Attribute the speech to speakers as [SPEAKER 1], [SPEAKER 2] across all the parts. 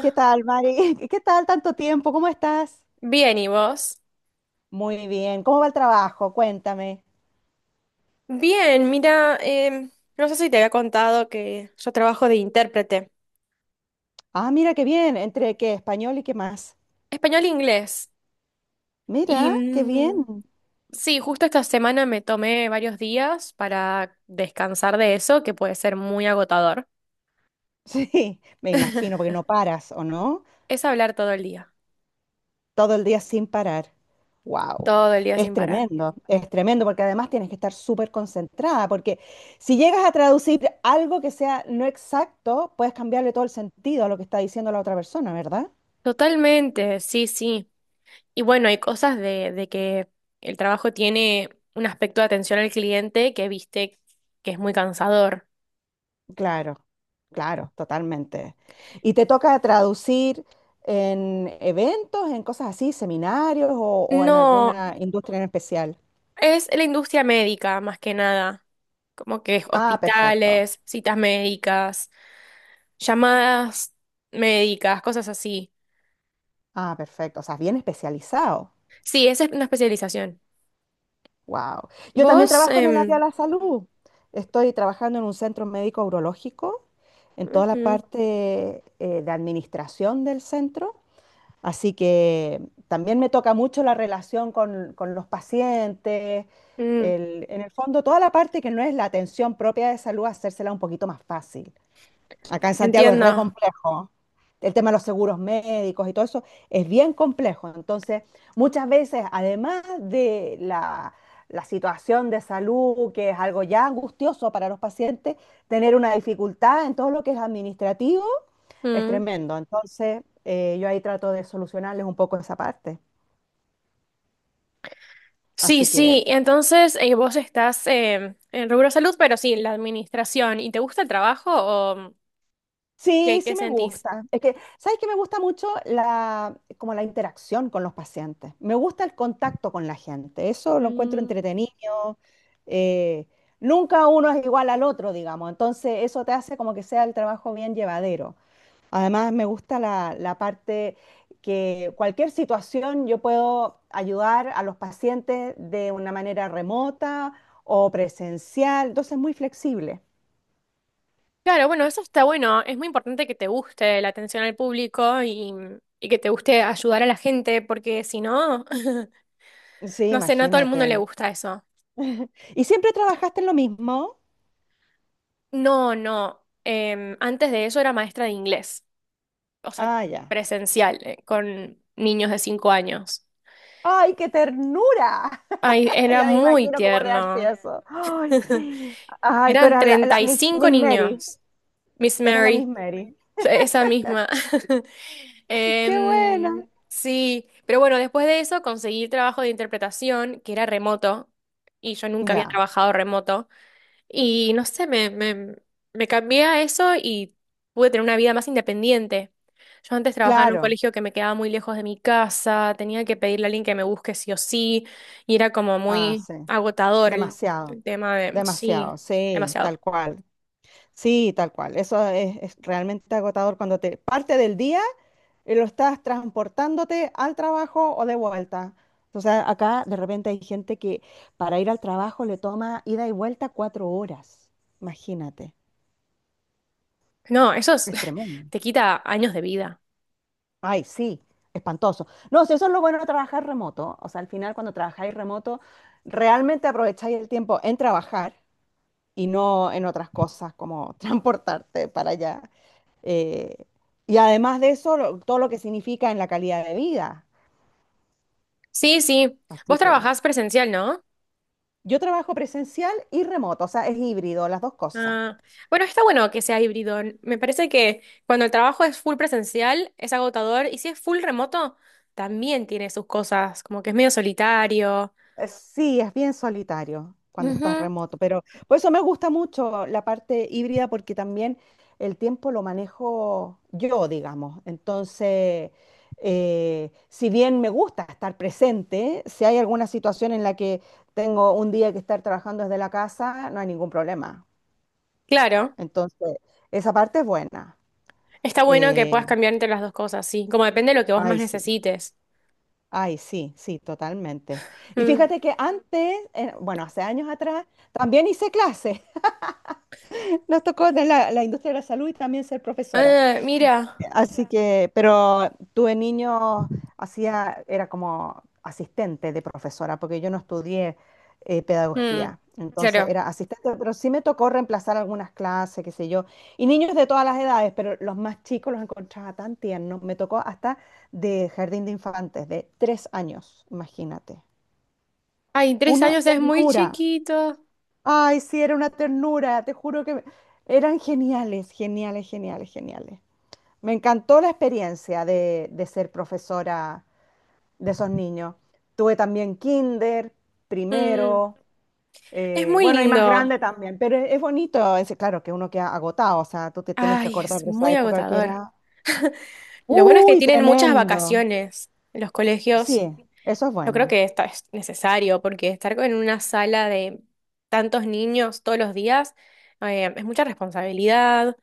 [SPEAKER 1] ¿Qué tal, Mari? ¿Qué tal tanto tiempo? ¿Cómo estás?
[SPEAKER 2] bien, ¿y vos?
[SPEAKER 1] Muy bien. ¿Cómo va el trabajo? Cuéntame.
[SPEAKER 2] Bien, mira, no sé si te había contado que yo trabajo de intérprete
[SPEAKER 1] Ah, mira qué bien. ¿Entre qué? ¿Español y qué más?
[SPEAKER 2] español-inglés. Y
[SPEAKER 1] Mira, qué bien.
[SPEAKER 2] sí, justo esta semana me tomé varios días para descansar de eso, que puede ser muy agotador.
[SPEAKER 1] Sí, me imagino, porque no paras, ¿o no?
[SPEAKER 2] Es hablar
[SPEAKER 1] Todo el día sin parar. Wow.
[SPEAKER 2] todo el día sin parar.
[SPEAKER 1] Es tremendo, porque además tienes que estar súper concentrada, porque si llegas a traducir algo que sea no exacto, puedes cambiarle todo el sentido a lo que está diciendo la otra persona, ¿verdad?
[SPEAKER 2] Totalmente, sí, sí. Y bueno, hay cosas de que el trabajo tiene un aspecto de atención al cliente que viste que es muy cansador.
[SPEAKER 1] Claro, claro, totalmente. ¿Y te toca traducir en eventos, en cosas así, seminarios o en
[SPEAKER 2] No,
[SPEAKER 1] alguna industria en especial?
[SPEAKER 2] es la industria médica, más que nada. Como que
[SPEAKER 1] Ah, perfecto.
[SPEAKER 2] hospitales, citas médicas, llamadas médicas, cosas así.
[SPEAKER 1] Ah, perfecto. O sea, bien especializado.
[SPEAKER 2] Sí, esa es una especialización.
[SPEAKER 1] Wow. Yo también
[SPEAKER 2] Vos,
[SPEAKER 1] trabajo en el área de la salud. Estoy trabajando en un centro médico urológico, en toda la
[SPEAKER 2] ujú,
[SPEAKER 1] parte de administración del centro. Así que también me toca mucho la relación con los pacientes,
[SPEAKER 2] mm,
[SPEAKER 1] en el fondo toda la parte que no es la atención propia de salud, hacérsela un poquito más fácil. Acá en Santiago es re
[SPEAKER 2] entiendo.
[SPEAKER 1] complejo. El tema de los seguros médicos y todo eso es bien complejo. Entonces, muchas veces, además de la situación de salud, que es algo ya angustioso para los pacientes, tener una dificultad en todo lo que es administrativo es
[SPEAKER 2] Mm.
[SPEAKER 1] tremendo. Entonces, yo ahí trato de solucionarles un poco esa parte.
[SPEAKER 2] Sí,
[SPEAKER 1] Así que
[SPEAKER 2] sí, entonces vos estás en rubro salud, pero sí, en la administración. ¿Y te gusta el trabajo o qué,
[SPEAKER 1] sí, sí
[SPEAKER 2] qué
[SPEAKER 1] me
[SPEAKER 2] sentís?
[SPEAKER 1] gusta. Es que, ¿sabes qué? Me gusta mucho como la interacción con los pacientes. Me gusta el contacto con la gente. Eso lo encuentro entretenido. Eh, nunca uno es igual al otro, digamos. Entonces, eso te hace como que sea el trabajo bien llevadero. Además, me gusta la parte que cualquier situación yo puedo ayudar a los pacientes de una manera remota o presencial. Entonces, muy flexible.
[SPEAKER 2] Claro, bueno, eso está bueno. Es muy importante que te guste la atención al público y que te guste ayudar a la gente, porque si no,
[SPEAKER 1] Sí,
[SPEAKER 2] no sé, no a todo el mundo le
[SPEAKER 1] imagínate.
[SPEAKER 2] gusta eso.
[SPEAKER 1] ¿Y siempre trabajaste en lo mismo?
[SPEAKER 2] No, no. Antes de eso era maestra de inglés, o sea,
[SPEAKER 1] Ah, ya.
[SPEAKER 2] presencial, con niños de 5 años.
[SPEAKER 1] ¡Ay, qué ternura!
[SPEAKER 2] Ay, era
[SPEAKER 1] Ya me
[SPEAKER 2] muy
[SPEAKER 1] imagino cómo debe haber sido
[SPEAKER 2] tierno.
[SPEAKER 1] eso. ¡Ay, sí! ¡Ay, tú
[SPEAKER 2] Eran
[SPEAKER 1] eras la
[SPEAKER 2] treinta y
[SPEAKER 1] Miss,
[SPEAKER 2] cinco
[SPEAKER 1] Miss Mary!
[SPEAKER 2] niños, Miss
[SPEAKER 1] Era la Miss
[SPEAKER 2] Mary.
[SPEAKER 1] Mary.
[SPEAKER 2] Esa misma.
[SPEAKER 1] Qué buena.
[SPEAKER 2] Sí, pero bueno, después de eso conseguí trabajo de interpretación, que era remoto, y yo nunca había
[SPEAKER 1] Ya,
[SPEAKER 2] trabajado remoto. Y no sé, me cambié a eso y pude tener una vida más independiente. Yo antes trabajaba en un
[SPEAKER 1] claro.
[SPEAKER 2] colegio que me quedaba muy lejos de mi casa, tenía que pedirle a alguien que me busque sí o sí, y era como
[SPEAKER 1] Ah,
[SPEAKER 2] muy
[SPEAKER 1] sí.
[SPEAKER 2] agotador el,
[SPEAKER 1] Demasiado,
[SPEAKER 2] el tema de, sí,
[SPEAKER 1] demasiado. Sí,
[SPEAKER 2] demasiado.
[SPEAKER 1] tal cual. Sí, tal cual. Eso es realmente agotador cuando te parte del día y lo estás transportándote al trabajo o de vuelta. O sea, acá de repente hay gente que para ir al trabajo le toma ida y vuelta 4 horas. Imagínate.
[SPEAKER 2] No, eso es-
[SPEAKER 1] Es tremendo.
[SPEAKER 2] te quita años de vida.
[SPEAKER 1] Ay, sí, espantoso. No, si eso es lo bueno de trabajar remoto. O sea, al final cuando trabajáis remoto, realmente aprovecháis el tiempo en trabajar y no en otras cosas como transportarte para allá. Eh, y además de eso, todo lo que significa en la calidad de vida.
[SPEAKER 2] Sí, sí.
[SPEAKER 1] Así
[SPEAKER 2] Vos
[SPEAKER 1] que
[SPEAKER 2] trabajás presencial, ¿no?
[SPEAKER 1] yo trabajo presencial y remoto, o sea, es híbrido, las dos cosas.
[SPEAKER 2] Ah, bueno, está bueno que sea híbrido. Me parece que cuando el trabajo es full presencial, es agotador, y si es full remoto, también tiene sus cosas, como que es medio solitario.
[SPEAKER 1] Sí, es bien solitario cuando estás
[SPEAKER 2] Ujú.
[SPEAKER 1] remoto, pero por eso me gusta mucho la parte híbrida porque también el tiempo lo manejo yo, digamos. Entonces, si bien me gusta estar presente, si hay alguna situación en la que tengo un día que estar trabajando desde la casa, no hay ningún problema.
[SPEAKER 2] Claro,
[SPEAKER 1] Entonces, esa parte es buena.
[SPEAKER 2] está bueno que
[SPEAKER 1] Eh,
[SPEAKER 2] puedas cambiar entre las dos cosas, sí, como depende de lo que vos más
[SPEAKER 1] ay, sí,
[SPEAKER 2] necesites.
[SPEAKER 1] ay, sí, sí, totalmente. Y
[SPEAKER 2] Mm.
[SPEAKER 1] fíjate que antes, bueno, hace años atrás, también hice clases. Nos tocó de la industria de la salud y también ser profesora.
[SPEAKER 2] Ah, mira.
[SPEAKER 1] Así que, pero tuve niños, hacía, era como asistente de profesora, porque yo no estudié
[SPEAKER 2] Mm.
[SPEAKER 1] pedagogía. Entonces
[SPEAKER 2] Claro.
[SPEAKER 1] era asistente, pero sí me tocó reemplazar algunas clases, qué sé yo. Y niños de todas las edades, pero los más chicos los encontraba tan tiernos. Me tocó hasta de jardín de infantes, de 3 años, imagínate.
[SPEAKER 2] Ay, tres
[SPEAKER 1] Una
[SPEAKER 2] años es muy
[SPEAKER 1] ternura,
[SPEAKER 2] chiquito.
[SPEAKER 1] ay, sí, era una ternura, te juro que eran geniales, geniales, geniales, geniales. Me encantó la experiencia de ser profesora de esos niños. Tuve también kinder,
[SPEAKER 2] Mm.
[SPEAKER 1] primero,
[SPEAKER 2] Es muy
[SPEAKER 1] bueno, y más
[SPEAKER 2] lindo.
[SPEAKER 1] grande también, pero es bonito, es, claro que uno queda agotado, o sea, tú te tienes que
[SPEAKER 2] Ay,
[SPEAKER 1] acordar
[SPEAKER 2] es
[SPEAKER 1] de esa
[SPEAKER 2] muy
[SPEAKER 1] época que
[SPEAKER 2] agotador.
[SPEAKER 1] era,
[SPEAKER 2] Lo bueno es que
[SPEAKER 1] uy,
[SPEAKER 2] tienen muchas
[SPEAKER 1] tremendo.
[SPEAKER 2] vacaciones en los colegios.
[SPEAKER 1] Sí, eso es
[SPEAKER 2] Yo creo
[SPEAKER 1] bueno.
[SPEAKER 2] que es necesario porque estar en una sala de tantos niños todos los días es mucha responsabilidad,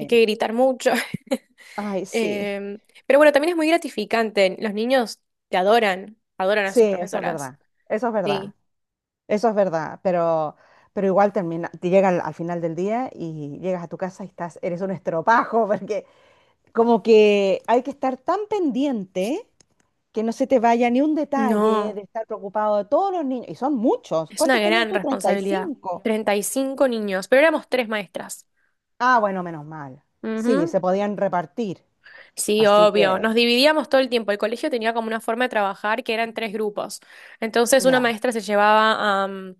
[SPEAKER 2] hay que gritar mucho.
[SPEAKER 1] ay, sí,
[SPEAKER 2] Em, pero bueno, también es muy gratificante. Los niños te adoran, adoran a
[SPEAKER 1] sí,
[SPEAKER 2] sus
[SPEAKER 1] eso es
[SPEAKER 2] profesoras.
[SPEAKER 1] verdad, eso es verdad.
[SPEAKER 2] Sí.
[SPEAKER 1] Eso es verdad, pero igual termina, te llega al, al final del día y llegas a tu casa y estás, eres un estropajo, porque como que hay que estar tan pendiente que no se te vaya ni un detalle
[SPEAKER 2] No,
[SPEAKER 1] de estar preocupado de todos los niños, y son muchos.
[SPEAKER 2] es una
[SPEAKER 1] ¿Cuántos tenías
[SPEAKER 2] gran
[SPEAKER 1] tú? treinta y
[SPEAKER 2] responsabilidad.
[SPEAKER 1] cinco
[SPEAKER 2] 35 niños, pero éramos tres maestras.
[SPEAKER 1] Ah, bueno, menos mal. Sí,
[SPEAKER 2] Ujú.
[SPEAKER 1] se podían repartir,
[SPEAKER 2] Sí,
[SPEAKER 1] así
[SPEAKER 2] obvio.
[SPEAKER 1] que
[SPEAKER 2] Nos dividíamos todo el tiempo. El colegio tenía como una forma de trabajar que eran tres grupos. Entonces, una
[SPEAKER 1] ya.
[SPEAKER 2] maestra se llevaba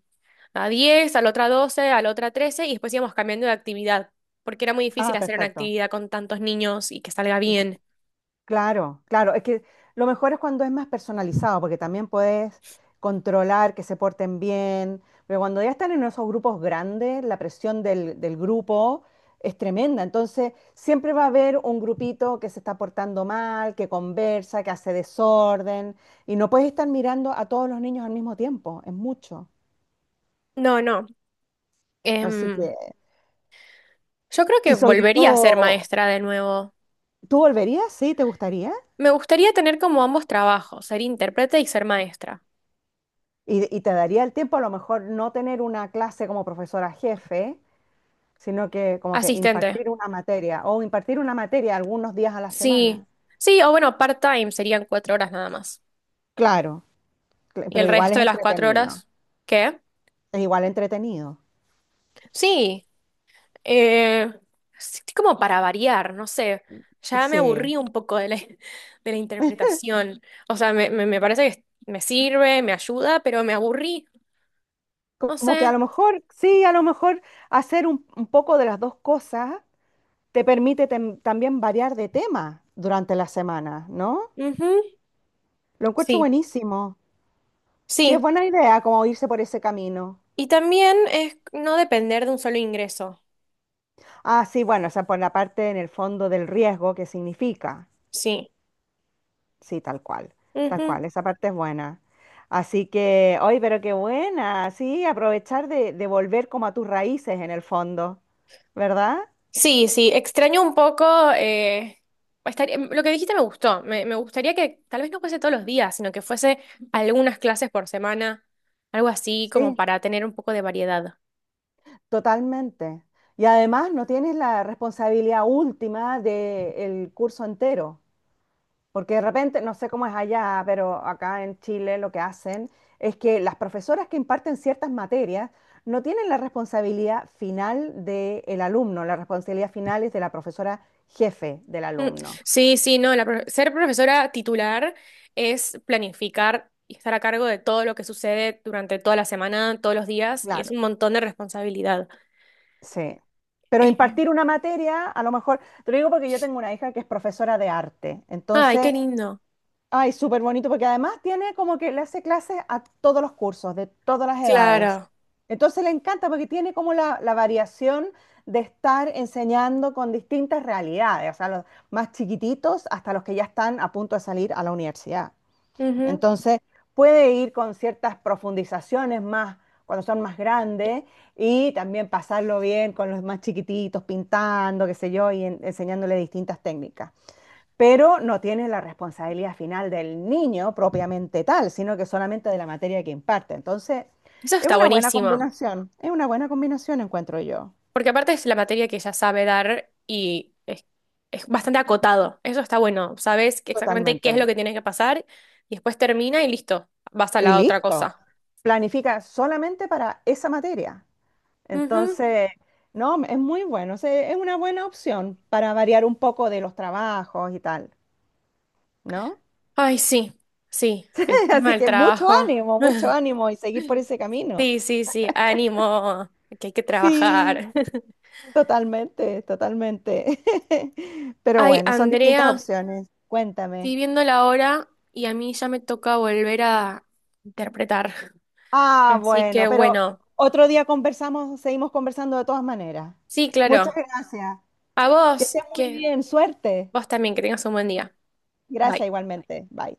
[SPEAKER 2] a 10, a la otra 12, a la otra 13 y después íbamos cambiando de actividad, porque era muy
[SPEAKER 1] Ah,
[SPEAKER 2] difícil hacer una
[SPEAKER 1] perfecto.
[SPEAKER 2] actividad con tantos niños y que salga bien.
[SPEAKER 1] Claro, claro. Es que lo mejor es cuando es más personalizado, porque también puedes controlar que se porten bien. Pero cuando ya están en esos grupos grandes, la presión del grupo es tremenda. Entonces, siempre va a haber un grupito que se está portando mal, que conversa, que hace desorden. Y no puedes estar mirando a todos los niños al mismo tiempo. Es mucho.
[SPEAKER 2] No, no.
[SPEAKER 1] Así
[SPEAKER 2] Em,
[SPEAKER 1] que,
[SPEAKER 2] yo creo
[SPEAKER 1] y
[SPEAKER 2] que
[SPEAKER 1] sobre
[SPEAKER 2] volvería a ser
[SPEAKER 1] todo,
[SPEAKER 2] maestra de nuevo.
[SPEAKER 1] ¿tú volverías? ¿Sí? ¿Te gustaría?
[SPEAKER 2] Me gustaría tener como ambos trabajos, ser intérprete y ser maestra.
[SPEAKER 1] Y te daría el tiempo a lo mejor no tener una clase como profesora jefe sino que como que
[SPEAKER 2] Asistente.
[SPEAKER 1] impartir una materia o impartir una materia algunos días a la
[SPEAKER 2] Sí.
[SPEAKER 1] semana.
[SPEAKER 2] Sí, o bueno, part-time serían 4 horas nada más.
[SPEAKER 1] Claro,
[SPEAKER 2] Y
[SPEAKER 1] pero
[SPEAKER 2] el
[SPEAKER 1] igual
[SPEAKER 2] resto
[SPEAKER 1] es
[SPEAKER 2] de las cuatro
[SPEAKER 1] entretenido,
[SPEAKER 2] horas, ¿qué?
[SPEAKER 1] es igual entretenido.
[SPEAKER 2] Sí, eh, sí, sí, como para variar, no sé. Ya me
[SPEAKER 1] Sí,
[SPEAKER 2] aburrí un poco de la, de la interpretación. O sea, me parece que me sirve, me ayuda, pero me aburrí. No
[SPEAKER 1] como que a
[SPEAKER 2] sé.
[SPEAKER 1] lo mejor, sí, a lo mejor hacer un poco de las dos cosas te permite también variar de tema durante la semana, ¿no?
[SPEAKER 2] Ujú.
[SPEAKER 1] Lo encuentro
[SPEAKER 2] Sí,
[SPEAKER 1] buenísimo. Sí, es
[SPEAKER 2] sí.
[SPEAKER 1] buena idea como irse por ese camino.
[SPEAKER 2] Y también es no depender de un solo ingreso.
[SPEAKER 1] Ah, sí, bueno, o sea, por la parte en el fondo del riesgo que significa.
[SPEAKER 2] Sí.
[SPEAKER 1] Sí, tal cual, esa parte es buena. Así que, hoy, pero qué buena, sí, aprovechar de volver como a tus raíces en el fondo, ¿verdad?
[SPEAKER 2] Sí, sí, extraño un poco. eh, lo que dijiste me gustó. Me gustaría que tal vez no fuese todos los días, sino que fuese algunas clases por semana, algo así como
[SPEAKER 1] Sí,
[SPEAKER 2] para tener un poco de variedad.
[SPEAKER 1] totalmente. Y además no tienes la responsabilidad última del curso entero. Porque de repente, no sé cómo es allá, pero acá en Chile lo que hacen es que las profesoras que imparten ciertas materias no tienen la responsabilidad final del alumno, la responsabilidad final es de la profesora jefe del
[SPEAKER 2] Mm,
[SPEAKER 1] alumno.
[SPEAKER 2] Sí, sí, no, ser profesora titular es planificar y estar a cargo de todo lo que sucede durante toda la semana, todos los días, y es
[SPEAKER 1] Claro.
[SPEAKER 2] un montón de responsabilidad.
[SPEAKER 1] Sí. Pero
[SPEAKER 2] Eh,
[SPEAKER 1] impartir una materia, a lo mejor, te lo digo porque yo tengo una hija que es profesora de arte.
[SPEAKER 2] ay, qué
[SPEAKER 1] Entonces,
[SPEAKER 2] lindo.
[SPEAKER 1] ay, súper bonito, porque además tiene como que le hace clases a todos los cursos, de todas las edades.
[SPEAKER 2] Claro.
[SPEAKER 1] Entonces le encanta porque tiene como la variación de estar enseñando con distintas realidades, o sea, los más chiquititos hasta los que ya están a punto de salir a la universidad.
[SPEAKER 2] Ujú.
[SPEAKER 1] Entonces puede ir con ciertas profundizaciones más cuando son más grandes y también pasarlo bien con los más chiquititos, pintando, qué sé yo, y enseñándole distintas técnicas, pero no tiene la responsabilidad final del niño propiamente tal, sino que solamente de la materia que imparte. Entonces,
[SPEAKER 2] Eso
[SPEAKER 1] es
[SPEAKER 2] está
[SPEAKER 1] una buena
[SPEAKER 2] buenísimo.
[SPEAKER 1] combinación, es una buena combinación, encuentro yo,
[SPEAKER 2] Porque aparte es la materia que ella sabe dar y es bastante acotado. Eso está bueno. Sabes que exactamente qué es lo
[SPEAKER 1] totalmente.
[SPEAKER 2] que tiene que pasar y después termina y listo. Vas a
[SPEAKER 1] Y
[SPEAKER 2] la otra
[SPEAKER 1] listo,
[SPEAKER 2] cosa.
[SPEAKER 1] planifica solamente para esa materia.
[SPEAKER 2] Ujú.
[SPEAKER 1] Entonces, no, es muy bueno, o sea, es una buena opción para variar un poco de los trabajos y tal, ¿no?
[SPEAKER 2] Ay, sí, sí. El tema
[SPEAKER 1] Así
[SPEAKER 2] del
[SPEAKER 1] que
[SPEAKER 2] trabajo.
[SPEAKER 1] mucho ánimo y seguir por ese camino.
[SPEAKER 2] Sí, sí, sí. Ánimo, que hay que
[SPEAKER 1] Sí.
[SPEAKER 2] trabajar.
[SPEAKER 1] Totalmente, totalmente. Pero
[SPEAKER 2] Ay,
[SPEAKER 1] bueno, son distintas
[SPEAKER 2] Andrea,
[SPEAKER 1] opciones.
[SPEAKER 2] estoy
[SPEAKER 1] Cuéntame.
[SPEAKER 2] viendo la hora y a mí ya me toca volver a interpretar.
[SPEAKER 1] Ah,
[SPEAKER 2] Así que
[SPEAKER 1] bueno, pero
[SPEAKER 2] bueno,
[SPEAKER 1] otro día conversamos, seguimos conversando de todas maneras.
[SPEAKER 2] sí,
[SPEAKER 1] Muchas
[SPEAKER 2] claro.
[SPEAKER 1] gracias.
[SPEAKER 2] A
[SPEAKER 1] Que
[SPEAKER 2] vos,
[SPEAKER 1] estés muy
[SPEAKER 2] que
[SPEAKER 1] bien. Suerte.
[SPEAKER 2] vos también, que tengas un buen día.
[SPEAKER 1] Gracias
[SPEAKER 2] Bye.
[SPEAKER 1] igualmente. Bye.